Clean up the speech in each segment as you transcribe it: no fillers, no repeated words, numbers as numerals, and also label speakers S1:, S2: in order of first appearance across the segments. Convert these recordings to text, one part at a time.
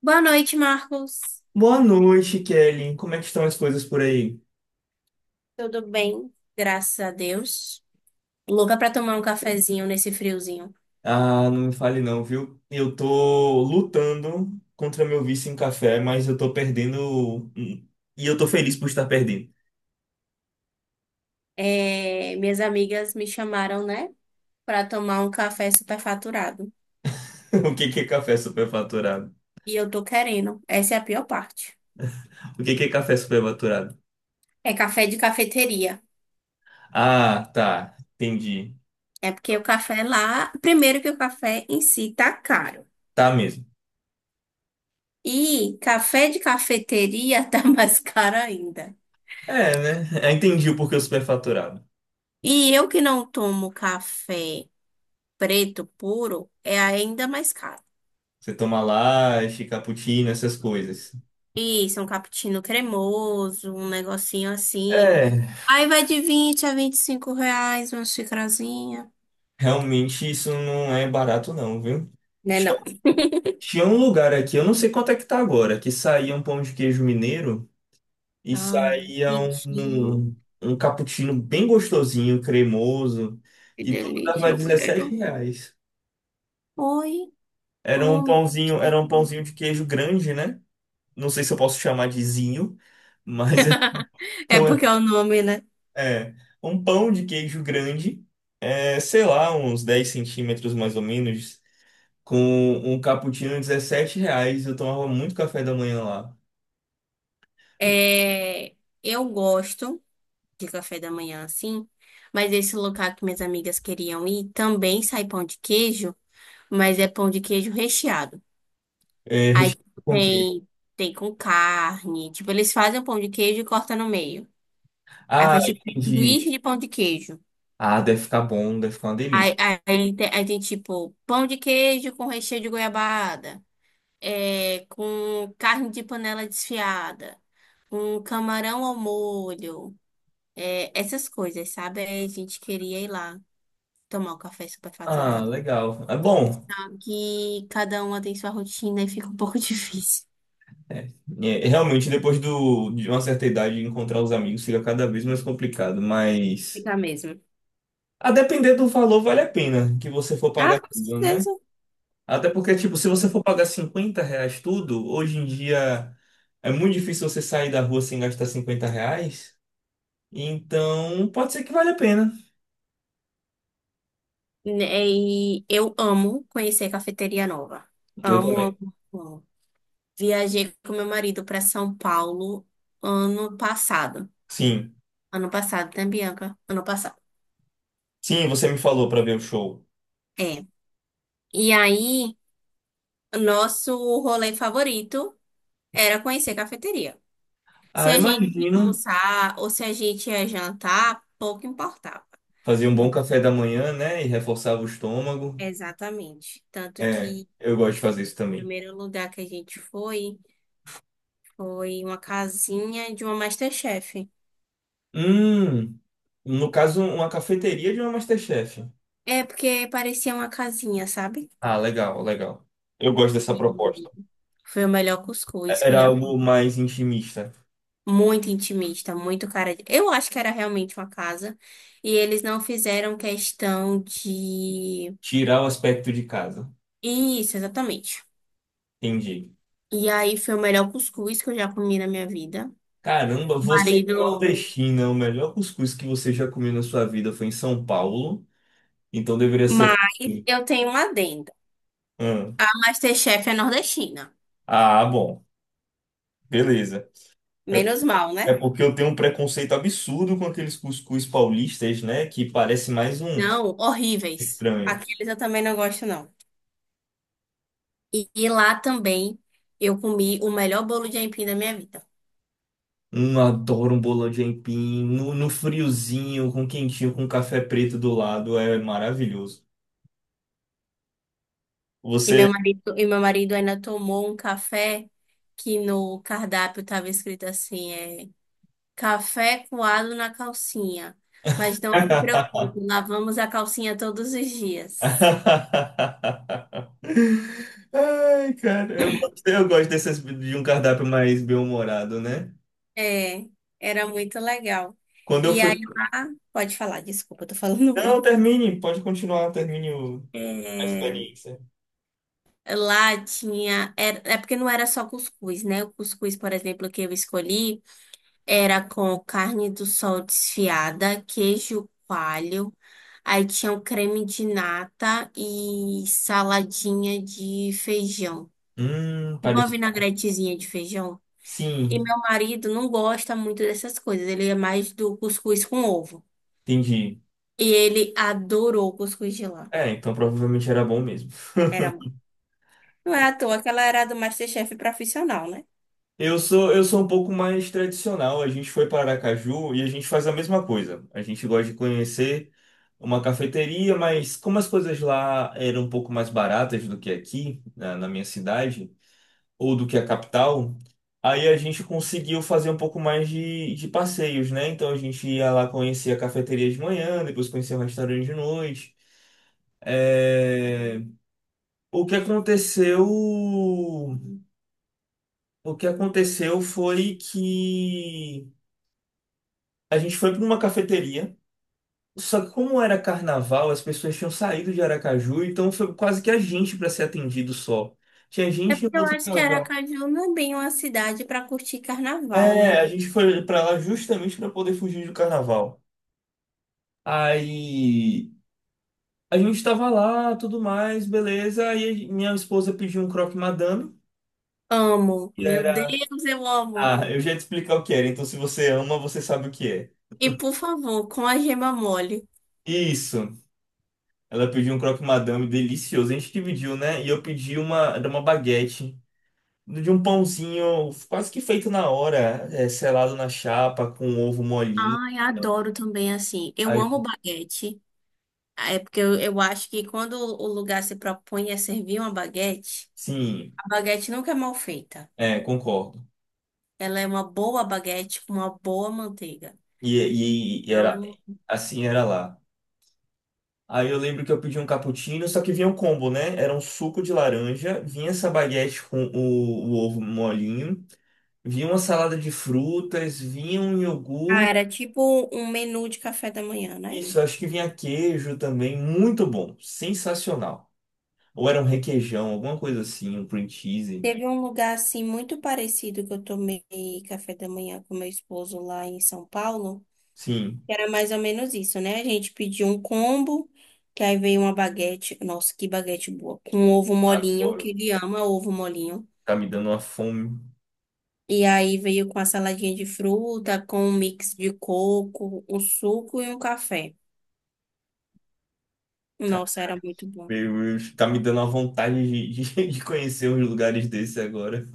S1: Boa noite, Marcos.
S2: Boa noite, Kelly. Como é que estão as coisas por aí?
S1: Tudo bem? Graças a Deus. Louca pra tomar um cafezinho nesse friozinho.
S2: Ah, não me fale não, viu? Eu tô lutando contra meu vício em café, mas eu tô perdendo, hum, e eu tô feliz por estar perdendo.
S1: É, minhas amigas me chamaram, né, pra tomar um café superfaturado.
S2: O que que é café superfaturado?
S1: E eu tô querendo. Essa é a pior parte.
S2: O que que é café superfaturado?
S1: É café de cafeteria.
S2: Ah, tá. Entendi.
S1: É porque o café lá, primeiro que o café em si tá caro.
S2: Tá mesmo.
S1: E café de cafeteria tá mais caro ainda.
S2: É, né? Eu entendi o porquê o superfaturado.
S1: E eu que não tomo café preto puro, é ainda mais caro.
S2: Você toma latte, cappuccino, essas coisas.
S1: Isso, um cappuccino cremoso, um negocinho assim.
S2: É,
S1: Aí vai de R$ 20 a R$ 25 uma xicrazinha.
S2: realmente isso não é barato não, viu?
S1: Né, não?
S2: Tinha um lugar aqui, eu não sei quanto é que tá agora, que saía um pão de queijo mineiro e
S1: Ah,
S2: saía
S1: quentinho.
S2: um, um cappuccino bem gostosinho, cremoso,
S1: Que
S2: e tudo
S1: delícia,
S2: dava
S1: eu
S2: 17
S1: quero.
S2: reais.
S1: Oi, ô.
S2: Era um pãozinho de queijo grande, né? Não sei se eu posso chamar de zinho, mas
S1: É
S2: então
S1: porque é o nome, né?
S2: é, é, um pão de queijo grande, é, sei lá, uns 10 centímetros mais ou menos, com um cappuccino de 17 reais. Eu tomava muito café da manhã lá.
S1: É, eu gosto de café da manhã assim, mas esse local que minhas amigas queriam ir também sai pão de queijo, mas é pão de queijo recheado.
S2: É,
S1: Aí
S2: recheio
S1: tipo,
S2: com o quê?
S1: tem com carne, tipo eles fazem o pão de queijo e cortam no meio. Aí
S2: Ah,
S1: faz tipo um
S2: entendi.
S1: sanduíche de pão de queijo.
S2: Ah, deve ficar bom, deve ficar uma delícia.
S1: Aí tem, tipo pão de queijo com recheio de goiabada, é, com carne de panela desfiada, com camarão ao molho, é, essas coisas, sabe? Aí a gente queria ir lá tomar o café
S2: Ah,
S1: superfaturado.
S2: legal. É bom.
S1: Que cada uma tem sua rotina e fica um pouco difícil.
S2: É, é, realmente, depois do, de uma certa idade, encontrar os amigos fica cada vez mais complicado, mas
S1: Fica mesmo.
S2: a depender do valor, vale a pena que você for pagar
S1: Ah, com
S2: tudo, né?
S1: certeza.
S2: Até porque, tipo, se você for pagar 50 reais tudo, hoje em dia é muito difícil você sair da rua sem gastar 50 reais. Então, pode ser que vale a pena.
S1: E eu amo conhecer cafeteria nova.
S2: Eu
S1: Amo,
S2: também.
S1: amo, amo. Viajei com meu marido para São Paulo ano passado.
S2: Sim.
S1: Ano passado, né, Bianca? Ano passado.
S2: Sim, você me falou para ver o show.
S1: É. E aí, nosso rolê favorito era conhecer cafeteria. Se
S2: Ah,
S1: a gente ia
S2: imagino.
S1: almoçar ou se a gente ia jantar, pouco importava.
S2: Fazia um bom
S1: O
S2: café da manhã, né? E reforçava o estômago.
S1: Exatamente. Tanto
S2: É,
S1: que
S2: eu gosto de fazer isso
S1: o
S2: também.
S1: primeiro lugar que a gente foi foi uma casinha de uma MasterChef.
S2: Hum, no caso, uma cafeteria de uma MasterChef.
S1: É, porque parecia uma casinha, sabe?
S2: Ah, legal, legal. Eu gosto dessa proposta.
S1: E foi o melhor cuscuz
S2: É-
S1: que eu
S2: Era
S1: já comi.
S2: algo mais intimista.
S1: Muito intimista, muito cara de, eu acho que era realmente uma casa. E eles não fizeram questão de.
S2: Tirar o aspecto de casa.
S1: Isso, exatamente.
S2: Entendi.
S1: E aí foi o melhor cuscuz que eu já comi na minha vida.
S2: Caramba, você que é
S1: Marido.
S2: nordestina, o melhor cuscuz que você já comeu na sua vida foi em São Paulo. Então deveria
S1: Mas
S2: ser.
S1: eu tenho uma adenda.
S2: Hum.
S1: A MasterChef é nordestina.
S2: Ah, bom. Beleza. É,
S1: Menos mal,
S2: é
S1: né?
S2: porque eu tenho um preconceito absurdo com aqueles cuscuz paulistas, né? Que parece mais um
S1: Não, horríveis.
S2: estranho.
S1: Aqueles eu também não gosto, não. E lá também eu comi o melhor bolo de aipim da minha vida.
S2: Um adoro um bolão de aipim, no, no friozinho, com quentinho, com café preto do lado, é maravilhoso.
S1: E
S2: Você.
S1: meu marido, e meu marido ainda tomou um café que no cardápio estava escrito assim, café coado na calcinha. Mas não se preocupe, lavamos a calcinha todos os dias.
S2: Ai, cara, eu gosto desses, de um cardápio mais bem-humorado, né?
S1: É, era muito legal.
S2: Quando eu
S1: E aí
S2: fui.
S1: lá, pode falar, desculpa, eu tô falando
S2: Não,
S1: muito.
S2: termine, pode continuar, termine o- a
S1: É,
S2: experiência.
S1: lá tinha. Era, é porque não era só cuscuz, né? O cuscuz, por exemplo, que eu escolhi era com carne do sol desfiada, queijo coalho, aí tinha um creme de nata e saladinha de feijão. Tipo uma
S2: Parece.
S1: vinagretezinha de feijão. E
S2: Sim,
S1: meu marido não gosta muito dessas coisas, ele é mais do cuscuz com ovo.
S2: entendi.
S1: E ele adorou o cuscuz de lá.
S2: É, então provavelmente era bom mesmo.
S1: Era, não é à toa que ela era do MasterChef profissional, né?
S2: Eu sou um pouco mais tradicional. A gente foi para Aracaju e a gente faz a mesma coisa. A gente gosta de conhecer uma cafeteria, mas como as coisas lá eram um pouco mais baratas do que aqui, na minha cidade, ou do que a capital, aí a gente conseguiu fazer um pouco mais de passeios, né? Então a gente ia lá conhecer a cafeteria de manhã, depois conhecer o restaurante de noite. É, o que aconteceu? O que aconteceu foi que a gente foi para uma cafeteria. Só que como era carnaval, as pessoas tinham saído de Aracaju, então foi quase que a gente para ser atendido só. Tinha
S1: É
S2: gente e um
S1: porque eu
S2: outro
S1: acho que
S2: casal.
S1: Aracaju não é bem uma cidade para curtir carnaval, né?
S2: É, a gente foi para lá justamente para poder fugir do carnaval. Aí a gente estava lá, tudo mais, beleza. Aí minha esposa pediu um croque madame,
S1: Amo,
S2: que
S1: meu
S2: era...
S1: Deus, eu amo.
S2: Ah, eu já ia te explicar o que era. Então, se você ama, você sabe o que é.
S1: E por favor, com a gema mole.
S2: Isso. Ela pediu um croque madame delicioso. A gente dividiu, né? E eu pedi uma, era uma baguete de um pãozinho quase que feito na hora, é, selado na chapa, com ovo molinho.
S1: Ai, adoro também assim. Eu
S2: Aí,
S1: amo baguete. É porque eu acho que quando o lugar se propõe a servir uma baguete,
S2: sim,
S1: a baguete nunca é mal feita.
S2: é, concordo.
S1: Ela é uma boa baguete com uma boa manteiga.
S2: E era
S1: Então,
S2: assim era lá. Aí eu lembro que eu pedi um cappuccino, só que vinha um combo, né? Era um suco de laranja, vinha essa baguete com o ovo molinho, vinha uma salada de frutas, vinha um iogurte.
S1: cara, tipo um menu de café da manhã, né?
S2: Isso, acho que vinha queijo também, muito bom, sensacional. Ou era um requeijão, alguma coisa assim, um cream cheese.
S1: Teve um lugar assim muito parecido que eu tomei café da manhã com meu esposo lá em São Paulo,
S2: Sim,
S1: que era mais ou menos isso, né? A gente pediu um combo, que aí veio uma baguete, nossa, que baguete boa, com ovo molinho, que
S2: adoro.
S1: ele ama ovo molinho.
S2: Tá me dando uma fome.
S1: E aí veio com a saladinha de fruta, com um mix de coco, um suco e um café.
S2: Cara,
S1: Nossa, era muito bom.
S2: meu Deus, tá me dando uma vontade de, de conhecer uns lugares desses agora.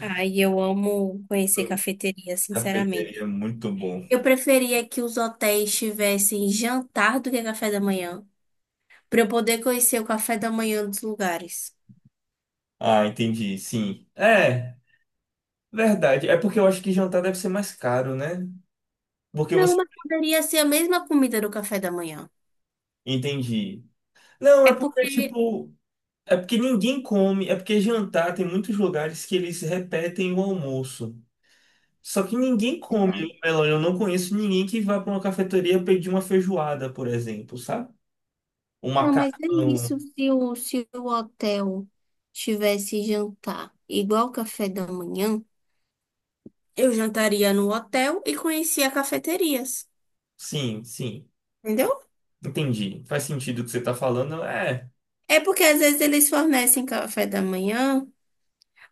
S1: Ai, eu amo conhecer cafeteria,
S2: Cafeteria,
S1: sinceramente.
S2: muito bom.
S1: Eu preferia que os hotéis tivessem jantar do que café da manhã, para eu poder conhecer o café da manhã dos lugares.
S2: Ah, entendi, sim. É, verdade. É porque eu acho que jantar deve ser mais caro, né? Porque
S1: Não,
S2: você.
S1: mas poderia ser a mesma comida do café da manhã.
S2: Entendi. Não,
S1: É
S2: é porque,
S1: porque.
S2: tipo. É porque ninguém come, é porque jantar tem muitos lugares que eles repetem o almoço. Só que ninguém come
S1: Verdade.
S2: melão. Eu não conheço ninguém que vá para uma cafeteria pedir uma feijoada, por exemplo, sabe? Um
S1: Não, mas é
S2: macarrão.
S1: isso. Se o hotel tivesse jantar igual o café da manhã, eu jantaria no hotel e conhecia cafeterias.
S2: Sim, sim.
S1: Entendeu?
S2: Entendi. Faz sentido o que você está falando. É,
S1: É porque às vezes eles fornecem café da manhã,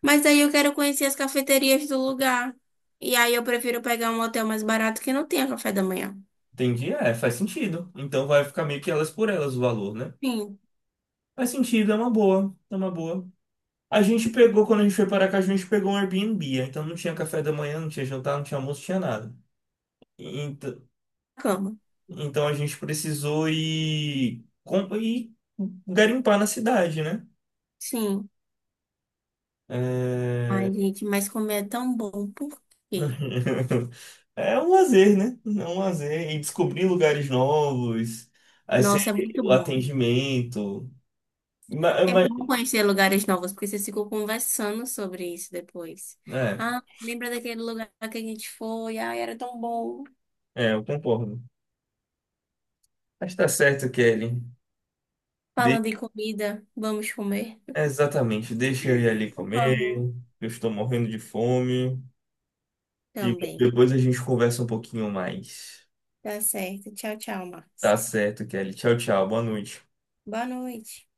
S1: mas aí eu quero conhecer as cafeterias do lugar. E aí eu prefiro pegar um hotel mais barato que não tenha café da manhã.
S2: entendi. É, faz sentido. Então vai ficar meio que elas por elas o valor, né?
S1: Sim,
S2: Faz sentido, é uma boa. É uma boa. A gente pegou, quando a gente foi para cá, a gente pegou um Airbnb. Então não tinha café da manhã, não tinha jantar, não tinha almoço, não tinha nada. Ent-
S1: cama.
S2: Então a gente precisou ir, com- ir garimpar na cidade, né?
S1: Sim.
S2: É...
S1: Ai, gente, mas comer é tão bom. Por quê?
S2: é um lazer, né? É um lazer. E descobrir lugares novos, aí você-
S1: Nossa, é muito
S2: o
S1: bom.
S2: atendimento. Ma-
S1: É
S2: ma-
S1: bom conhecer lugares novos, porque vocês ficam conversando sobre isso depois.
S2: é,
S1: Ah, lembra daquele lugar que a gente foi? Ai, era tão bom.
S2: é, eu concordo. Mas tá certo, Kelly. De-
S1: Falando em comida, vamos comer?
S2: Exatamente. Deixa eu ir ali
S1: Por
S2: comer.
S1: favor.
S2: Eu estou morrendo de fome. E
S1: Também.
S2: depois a gente conversa um pouquinho mais.
S1: Tá certo. Tchau, tchau,
S2: Tá
S1: Marcos.
S2: certo, Kelly. Tchau, tchau. Boa noite.
S1: Boa noite.